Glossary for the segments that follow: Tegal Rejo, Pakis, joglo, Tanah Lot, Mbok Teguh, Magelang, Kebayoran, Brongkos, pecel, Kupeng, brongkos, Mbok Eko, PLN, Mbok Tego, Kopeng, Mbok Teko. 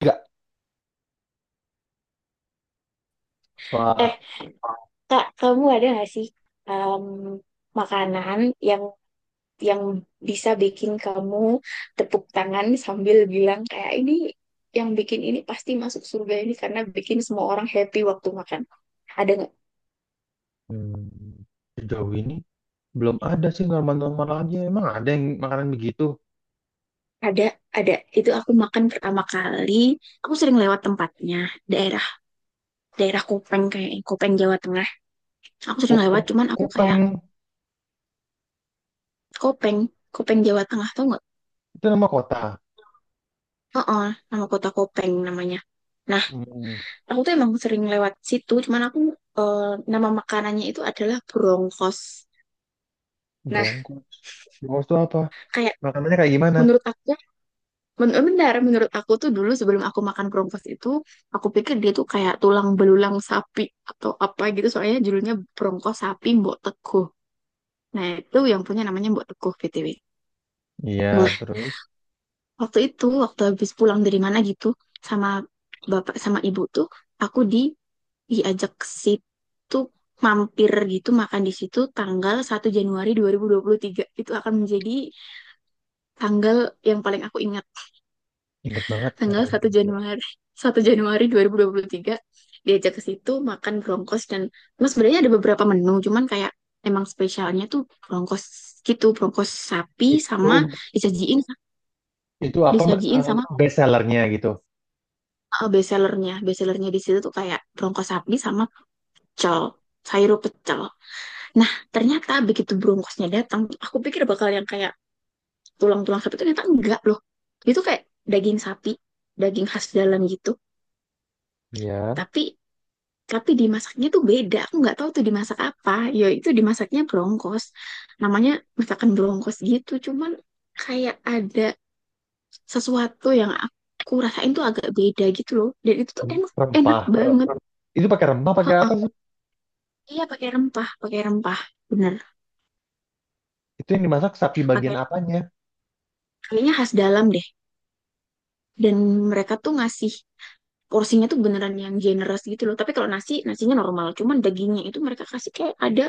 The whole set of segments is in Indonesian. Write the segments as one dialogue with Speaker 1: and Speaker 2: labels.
Speaker 1: Enggak,
Speaker 2: Eh,
Speaker 1: Pak.
Speaker 2: Kak, kamu ada nggak sih em, makanan yang yang bisa bikin kamu tepuk tangan sambil bilang kayak ini yang bikin ini pasti masuk surga ini karena bikin semua orang happy waktu makan. Ada nggak?
Speaker 1: Hmm, Sejauh ini belum ada sih, normal-normal aja. Emang ada yang makanan begitu?
Speaker 2: Ada, ada. Itu aku makan pertama kali. Aku sering lewat tempatnya, daerah daerah Kopeng kayak Kopeng Jawa Tengah. Aku sering
Speaker 1: Kuku,
Speaker 2: lewat, cuman aku kayak
Speaker 1: kupeng,
Speaker 2: Kopeng, Kopeng Jawa Tengah tau nggak?
Speaker 1: itu nama kota.
Speaker 2: Oh, nama kota Kopeng namanya. Nah,
Speaker 1: Hmm,
Speaker 2: aku tuh emang sering lewat situ cuman aku eh, nama makanannya itu adalah brongkos nah
Speaker 1: Broncos. Broncos itu apa?
Speaker 2: kayak
Speaker 1: Makanannya kayak gimana?
Speaker 2: menurut aku ya, benar menurut aku tuh dulu sebelum aku makan brongkos itu aku pikir dia tuh kayak tulang belulang sapi atau apa gitu soalnya judulnya brongkos sapi Mbok Teguh nah itu yang punya namanya Mbok Teguh BTW
Speaker 1: Iya,
Speaker 2: nah
Speaker 1: terus
Speaker 2: waktu itu waktu habis pulang dari mana gitu sama bapak sama ibu tuh aku diajak ke situ mampir gitu makan di situ tanggal 1 Januari dua dua ribu dua puluh tiga. Itu akan menjadi tanggal yang paling aku ingat.
Speaker 1: inget banget
Speaker 2: Tanggal
Speaker 1: makanan.
Speaker 2: satu Januari 1 Januari dua dua ribu dua puluh tiga diajak ke situ makan brongkos dan mas sebenarnya ada beberapa menu cuman kayak emang spesialnya tuh brongkos gitu brongkos sapi
Speaker 1: Itu
Speaker 2: sama disajiin
Speaker 1: itu apa
Speaker 2: disajiin
Speaker 1: eh,
Speaker 2: sama
Speaker 1: best sellernya gitu?
Speaker 2: bestsellernya bestsellernya di situ tuh kayak brongkos sapi sama pecel sayur pecel. Nah, ternyata begitu bronkosnya datang, aku pikir bakal yang kayak tulang-tulang sapi itu ternyata enggak loh. Itu kayak daging sapi, daging khas dalam gitu.
Speaker 1: Iya,
Speaker 2: Tapi tapi dimasaknya tuh beda. Aku nggak tahu tuh dimasak apa. Ya itu dimasaknya bronkos. Namanya masakan bronkos gitu. Cuman kayak ada sesuatu yang aku rasain tuh agak beda gitu loh. Dan itu tuh enak enak
Speaker 1: rempah.
Speaker 2: banget.
Speaker 1: Itu pakai rempah, pakai apa
Speaker 2: Heeh.
Speaker 1: sih?
Speaker 2: Iya pakai rempah, pakai rempah. Bener.
Speaker 1: Itu yang dimasak sapi bagian
Speaker 2: Pakai
Speaker 1: apanya?
Speaker 2: kayaknya khas dalam deh. Dan mereka tuh ngasih porsinya tuh beneran yang generous gitu loh. Tapi kalau nasi, nasinya normal. Cuman dagingnya itu mereka kasih kayak ada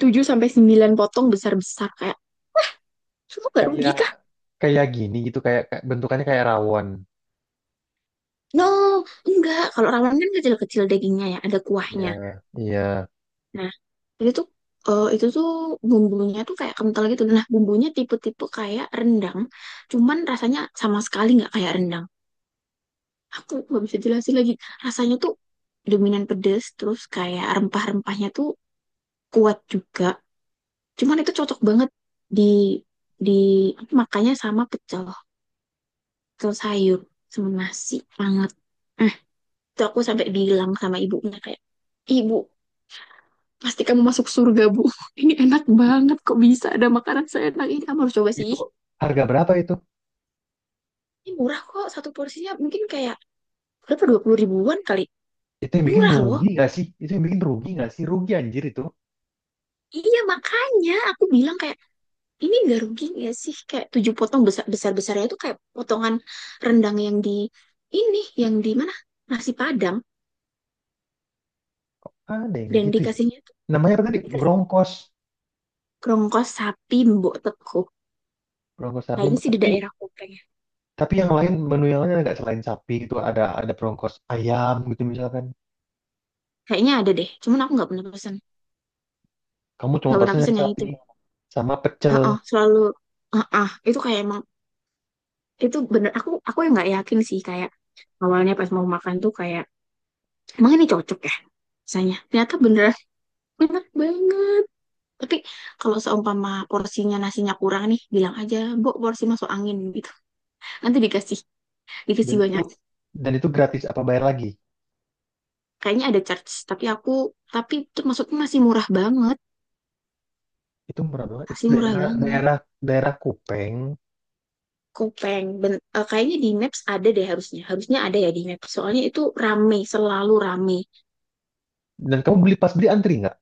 Speaker 2: 7 sampai 9 potong besar-besar kayak itu nggak rugi
Speaker 1: Kayak
Speaker 2: kah?
Speaker 1: kayak gini gitu, kayak kayak- bentukannya kayak rawon.
Speaker 2: No, enggak. Kalau ramen kan kecil-kecil dagingnya ya, ada
Speaker 1: Iya,
Speaker 2: kuahnya.
Speaker 1: iya.
Speaker 2: Nah, itu tuh itu tuh bumbunya tuh kayak kental gitu. Nah, bumbunya tipe-tipe kayak rendang, cuman rasanya sama sekali nggak kayak rendang. Aku nggak bisa jelasin lagi. Rasanya tuh dominan pedes, terus kayak rempah-rempahnya tuh kuat juga. Cuman itu cocok banget di di makanya sama pecel, pecel sayur sama nasi hangat. Eh, itu aku sampai bilang sama ibunya kayak, "Ibu, pasti kamu masuk surga, Bu. Ini enak banget kok bisa ada makanan seenak ini. Kamu harus coba
Speaker 1: Itu
Speaker 2: sih.
Speaker 1: harga berapa itu?
Speaker 2: Ini murah kok satu porsinya mungkin kayak berapa 20 ribuan kali.
Speaker 1: Itu yang bikin
Speaker 2: Murah loh."
Speaker 1: rugi nggak sih? Itu yang bikin rugi nggak sih? Rugi anjir itu.
Speaker 2: Iya makanya aku bilang kayak ini gak rugi gak sih kayak tujuh potong besar besar besarnya itu kayak potongan rendang yang di ini yang di mana nasi Padang
Speaker 1: Ada yang
Speaker 2: dan
Speaker 1: begitu ya.
Speaker 2: dikasihnya tuh
Speaker 1: Namanya apa tadi?
Speaker 2: dikasih
Speaker 1: Brongkos.
Speaker 2: kerongkos sapi mbok teko
Speaker 1: Brongkos sapi.
Speaker 2: kayaknya sih di
Speaker 1: Tapi
Speaker 2: daerah Kopeng ya.
Speaker 1: tapi yang lain, menu yang lain agak selain sapi gitu, ada brongkos ayam gitu misalkan.
Speaker 2: Kayaknya ada deh cuman aku
Speaker 1: Kamu cuma
Speaker 2: nggak pernah
Speaker 1: pesen yang
Speaker 2: pesen yang
Speaker 1: sapi
Speaker 2: itu.
Speaker 1: sama pecel.
Speaker 2: Heeh, selalu heeh, itu kayak emang itu bener aku yang nggak yakin sih kayak awalnya pas mau makan tuh kayak emang ini cocok ya rasanya ternyata bener enak banget tapi kalau seumpama porsinya nasinya kurang nih bilang aja mbok porsi masuk angin gitu nanti dikasih dikasih
Speaker 1: dan itu
Speaker 2: banyak
Speaker 1: dan itu gratis apa bayar lagi?
Speaker 2: kayaknya ada charge tapi aku tapi itu maksudnya masih murah banget.
Speaker 1: Itu murah banget. Itu
Speaker 2: Asli murah
Speaker 1: daerah
Speaker 2: banget.
Speaker 1: daerah daerah Kupeng.
Speaker 2: Kopeng. Kayaknya di Maps ada deh harusnya. Harusnya ada ya di Maps. Soalnya itu rame, selalu rame.
Speaker 1: Dan kamu beli pas beli antri nggak?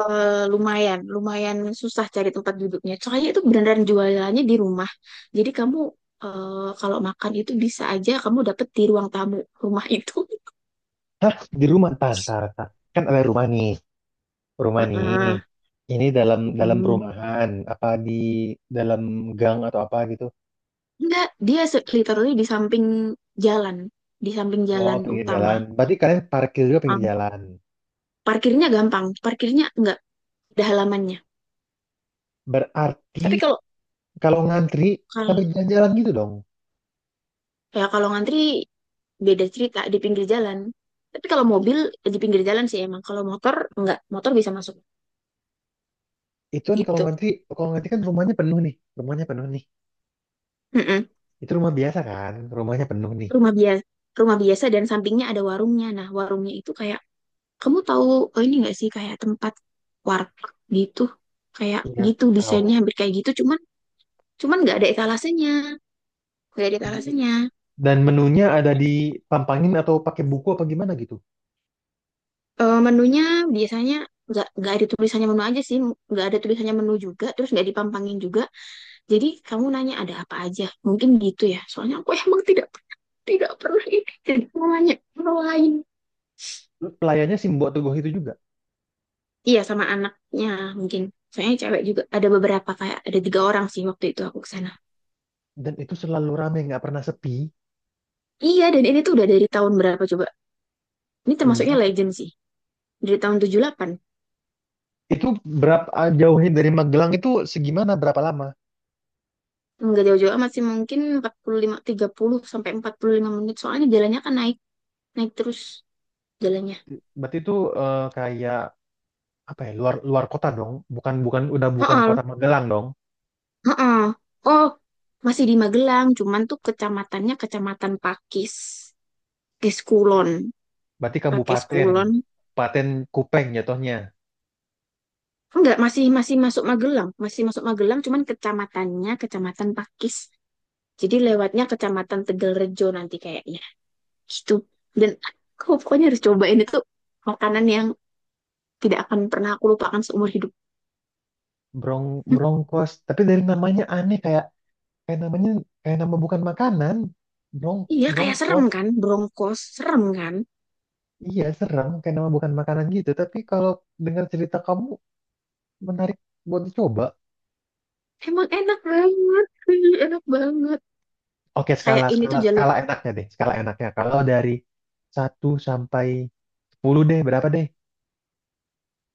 Speaker 2: Lumayan, lumayan susah cari tempat duduknya. Soalnya itu beneran jualannya di rumah. Jadi kamu kalau makan itu bisa aja kamu dapet di ruang tamu rumah itu.
Speaker 1: Hah? Di rumah? Ntar, ntar, ntar. Kan ada rumah nih. Rumah nih.
Speaker 2: Heeh.
Speaker 1: Ini dalam dalam
Speaker 2: Mm.
Speaker 1: perumahan, apa di dalam gang atau apa gitu?
Speaker 2: Enggak, dia literally jalan, di samping
Speaker 1: Oh,
Speaker 2: jalan
Speaker 1: pinggir
Speaker 2: utama.
Speaker 1: jalan. Berarti kalian parkir juga pinggir
Speaker 2: Um,
Speaker 1: jalan.
Speaker 2: parkirnya gampang, parkirnya enggak ada halamannya.
Speaker 1: Berarti
Speaker 2: Tapi kalau
Speaker 1: kalau ngantri sampai
Speaker 2: kalau
Speaker 1: jalan-jalan gitu dong.
Speaker 2: ya kalau ngantri beda cerita di pinggir jalan. Tapi kalau mobil di pinggir jalan sih emang. Kalau motor enggak, motor bisa masuk
Speaker 1: Itu kan
Speaker 2: gitu.
Speaker 1: kalau ngantri kan rumahnya penuh nih. Rumahnya penuh nih.
Speaker 2: Mm-mm.
Speaker 1: Itu rumah biasa kan? Rumahnya penuh nih.
Speaker 2: Rumah biasa, rumah biasa dan sampingnya ada warungnya. Nah, warungnya itu kayak kamu tahu oh ini enggak sih kayak tempat warteg gitu. Kayak
Speaker 1: Iya,
Speaker 2: gitu desainnya
Speaker 1: tahu.
Speaker 2: hampir kayak gitu cuman cuman nggak ada etalasenya. Nggak ada
Speaker 1: Dan
Speaker 2: etalasenya.
Speaker 1: dan menunya ada di pampangin atau pakai buku apa gimana gitu.
Speaker 2: Menunya biasanya nggak ada tulisannya menu aja sih, nggak ada tulisannya menu juga, terus nggak dipampangin juga. Jadi kamu nanya ada apa aja. Mungkin gitu ya. Soalnya aku emang tidak tidak pernah ini. Tidak pernah nanya orang lain.
Speaker 1: Terus pelayannya sih Mbok Teguh itu juga.
Speaker 2: Iya sama anaknya mungkin. Soalnya cewek juga ada beberapa kayak ada tiga orang sih waktu itu aku kesana.
Speaker 1: Dan itu selalu rame, nggak pernah sepi.
Speaker 2: Iya dan ini tuh udah dari tahun berapa coba? Ini termasuknya
Speaker 1: Benar?
Speaker 2: legend sih. Dari tahun 78.
Speaker 1: Itu berapa jauhnya dari Magelang itu segimana, berapa lama?
Speaker 2: Enggak jauh-jauh amat sih mungkin 45, 30 sampai 45 menit. Soalnya jalannya kan naik naik terus jalannya.
Speaker 1: Berarti itu kayak apa ya, luar luar kota dong, bukan bukan udah bukan
Speaker 2: Heeh.
Speaker 1: kota Magelang dong.
Speaker 2: Heeh. Oh, masih di Magelang, cuman tuh kecamatannya kecamatan Pakis. Pakai skulon
Speaker 1: Berarti
Speaker 2: pakai
Speaker 1: kabupaten,
Speaker 2: skulon
Speaker 1: Kabupaten Kupeng jatuhnya.
Speaker 2: enggak masih masih masuk Magelang cuman kecamatannya kecamatan Pakis jadi lewatnya kecamatan Tegal Rejo nanti kayaknya gitu dan aku pokoknya harus cobain itu makanan yang tidak akan pernah aku lupakan seumur hidup.
Speaker 1: Brong
Speaker 2: Hm,
Speaker 1: Brongkos, tapi dari namanya aneh, kayak kayak namanya kayak nama bukan makanan. Brong
Speaker 2: iya kayak serem
Speaker 1: Brongkos,
Speaker 2: kan Bronkos serem kan
Speaker 1: iya serem, kayak nama bukan makanan gitu. Tapi kalau dengar cerita kamu, menarik buat dicoba.
Speaker 2: emang enak banget
Speaker 1: Oke,
Speaker 2: kayak
Speaker 1: skala
Speaker 2: ini
Speaker 1: skala
Speaker 2: tuh jalur
Speaker 1: skala enaknya deh, skala enaknya. Kalau dari satu sampai 10 deh, berapa deh?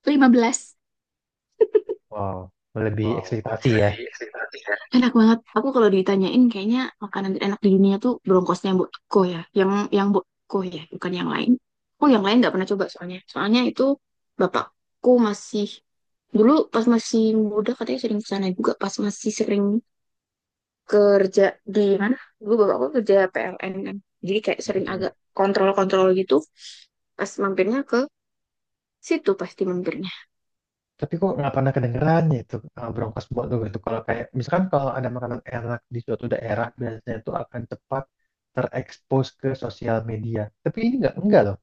Speaker 2: 15.
Speaker 1: Wow, lebih ekspektasi ya.
Speaker 2: Enak banget. Aku kalau ditanyain kayaknya makanan enak di dunia tuh bronkosnya Mbok Eko ya. Yang Mbok Eko ya, bukan yang lain. Aku yang lain nggak pernah coba soalnya. Soalnya itu bapakku masih dulu pas masih muda katanya sering ke sana juga pas masih sering kerja di mana? Dulu bapakku kerja PLN kan. Jadi kayak sering
Speaker 1: Mhm.
Speaker 2: agak kontrol-kontrol gitu. Pas mampirnya ke situ pasti mampirnya.
Speaker 1: Tapi kok nggak pernah kedengeran ya itu, Broncos buat tuh gitu. Kalau kayak misalkan kalau ada makanan enak di suatu daerah, biasanya itu akan cepat terekspos ke sosial media. Tapi ini nggak, enggak loh.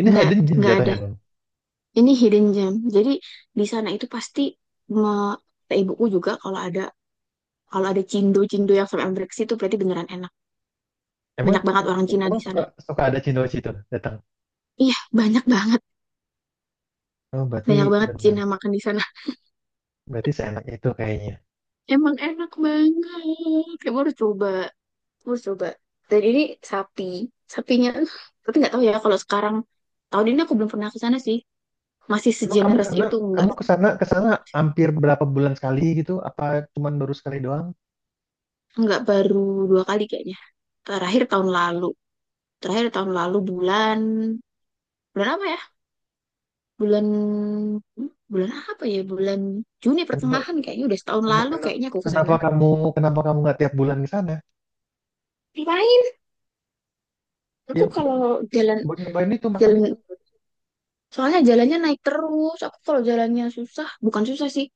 Speaker 1: Ini
Speaker 2: Nggak
Speaker 1: hidden gem
Speaker 2: nggak ada.
Speaker 1: jatuhnya, Bang.
Speaker 2: Ini hidden gem. Jadi di sana itu pasti me- kata ibuku juga kalau ada cindo-cindo yang sampai ambrek itu berarti beneran enak.
Speaker 1: Emang
Speaker 2: Banyak banget orang Cina
Speaker 1: emang
Speaker 2: di
Speaker 1: suka
Speaker 2: sana.
Speaker 1: suka ada cindo di situ datang.
Speaker 2: Iya, banyak banget.
Speaker 1: Oh, berarti
Speaker 2: Banyak banget
Speaker 1: benar.
Speaker 2: Cina makan di sana.
Speaker 1: Berarti seenak itu kayaknya.
Speaker 2: Emang enak banget. Kamu harus coba. Kamu harus coba. Dan ini sapi. Sapinya tapi nggak tahu ya kalau sekarang tahun ini aku belum pernah ke sana sih. Masih
Speaker 1: Emang kamu
Speaker 2: segenerous
Speaker 1: karena
Speaker 2: itu
Speaker 1: kamu ke sana, ke sana hampir berapa bulan sekali gitu? Apa cuman baru sekali doang?
Speaker 2: nggak baru dua kali kayaknya. Terakhir tahun lalu. Terakhir tahun lalu bulan bulan apa ya? Bulan bulan apa ya bulan Juni
Speaker 1: Kan
Speaker 2: pertengahan kayaknya udah setahun
Speaker 1: Ken-
Speaker 2: lalu
Speaker 1: ken-
Speaker 2: kayaknya aku ke sana
Speaker 1: Kenapa kamu kenapa kamu nggak tiap bulan ke sana?
Speaker 2: ngapain
Speaker 1: Ya
Speaker 2: aku kalau jalan
Speaker 1: buat nyobain itu, makan
Speaker 2: jalan
Speaker 1: itu.
Speaker 2: soalnya jalannya naik terus aku kalau jalannya susah bukan susah sih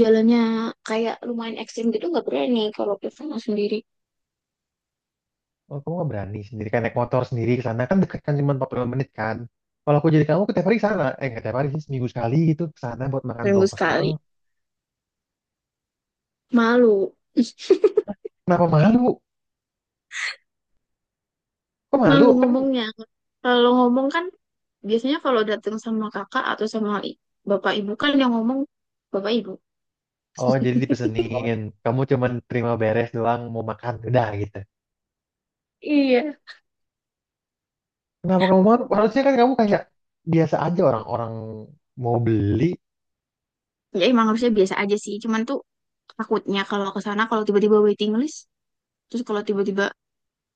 Speaker 2: jalannya kayak lumayan ekstrim gitu nggak berani kalau ke sana sendiri
Speaker 1: Oh, kamu nggak berani sendiri kan, naik motor sendiri ke sana, kan dekat kan, cuma 40 menit kan. Kalau aku jadi kamu, ke tiap hari ke sana, eh nggak tiap hari sih, seminggu sekali gitu ke sana buat makan
Speaker 2: seminggu
Speaker 1: brokos doang.
Speaker 2: sekali malu
Speaker 1: Kenapa malu? Kok malu
Speaker 2: malu
Speaker 1: kan?
Speaker 2: ngomongnya kalau ngomong kan biasanya kalau datang sama kakak atau sama bapak ibu kan yang ngomong bapak ibu.
Speaker 1: Oh jadi dipesenin. Kamu cuman terima beres doang, mau makan udah gitu.
Speaker 2: Iya.
Speaker 1: Kenapa kamu malu? Harusnya kan kamu kayak biasa aja, orang-orang mau beli.
Speaker 2: Ya emang harusnya biasa aja sih cuman tuh takutnya kalau ke sana kalau tiba-tiba waiting list, terus kalau tiba-tiba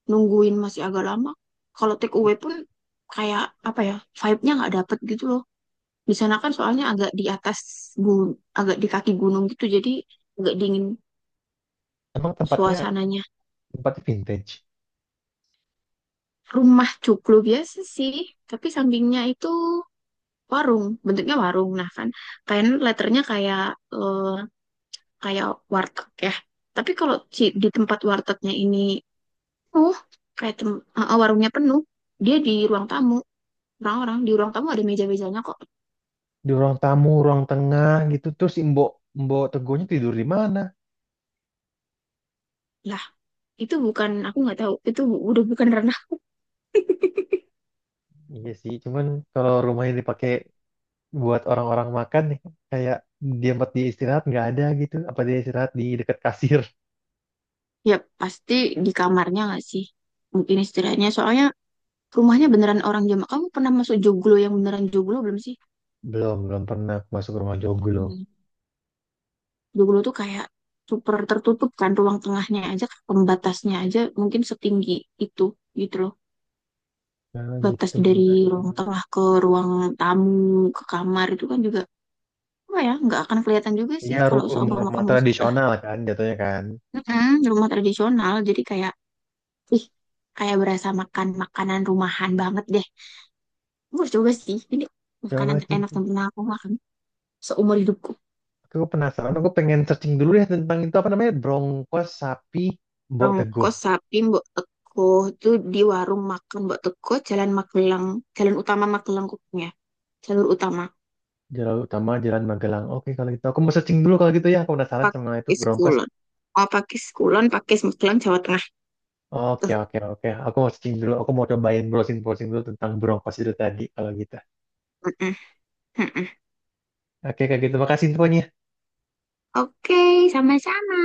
Speaker 2: nungguin masih agak lama, kalau take away pun kayak apa ya, vibe-nya nggak dapet gitu loh. Di sana kan soalnya agak di atas gunung, agak di kaki gunung gitu, jadi agak dingin
Speaker 1: Emang tempatnya
Speaker 2: suasananya.
Speaker 1: tempatnya vintage.
Speaker 2: Rumah cuklu biasa sih, tapi sampingnya itu warung, bentuknya warung. Nah kan, kayaknya letternya kayak eh, kayak warteg ya. Tapi kalau di tempat wartegnya ini penuh kayak warungnya penuh dia di ruang tamu orang-orang di ruang tamu ada meja-mejanya kok
Speaker 1: Di ruang tamu, ruang tengah gitu. Terus si Mbok Mbok Tegonya tidur di mana?
Speaker 2: lah itu bukan aku nggak tahu itu udah bukan ranah
Speaker 1: Iya sih, cuman kalau rumahnya dipakai buat orang-orang makan nih, kayak dia tempat dia istirahat nggak ada gitu. Apa dia istirahat di dekat kasir?
Speaker 2: ya pasti di kamarnya nggak sih mungkin istirahatnya soalnya rumahnya beneran orang Jamak kamu pernah masuk joglo yang beneran joglo belum sih.
Speaker 1: Belum, belum pernah aku masuk ke rumah joglo.
Speaker 2: Hmm. Joglo tuh kayak super tertutup kan ruang tengahnya aja pembatasnya aja mungkin setinggi itu gitu loh
Speaker 1: Nah,
Speaker 2: batas
Speaker 1: gitu
Speaker 2: dari
Speaker 1: benar.
Speaker 2: ruang tengah ke ruang tamu ke kamar itu kan juga apa ya nggak akan kelihatan juga sih
Speaker 1: Iya,
Speaker 2: kalau seumpama
Speaker 1: rumah-rumah
Speaker 2: kamu istirahat
Speaker 1: tradisional kan jatuhnya kan.
Speaker 2: di rumah tradisional jadi kayak ih kayak berasa makan makanan rumahan banget deh gue coba sih ini makanan
Speaker 1: Coba sih.
Speaker 2: terenak yang pernah aku makan seumur hidupku
Speaker 1: Aku penasaran, aku pengen searching dulu ya tentang itu, apa namanya? Brongkos sapi Mbok Tego.
Speaker 2: rongkos sapi Mbok Teko itu di warung makan Mbok Teko Jalan Magelang Jalan Utama Magelang Kupang ya jalur utama
Speaker 1: Jalan utama, Jalan Magelang. Oke kalau gitu aku mau searching dulu kalau gitu ya. Aku penasaran sama itu
Speaker 2: pakai
Speaker 1: Broncos.
Speaker 2: Kulon. Oh, pakai Kulon pakai Magelang Jawa Tengah
Speaker 1: Oke,
Speaker 2: tuh
Speaker 1: oke, oke. Aku mau searching dulu. Aku mau cobain browsing browsing dulu tentang Broncos itu tadi kalau gitu.
Speaker 2: mm-mm, mm-mm.
Speaker 1: Oke kayak gitu. Makasih infonya.
Speaker 2: Oke sama-sama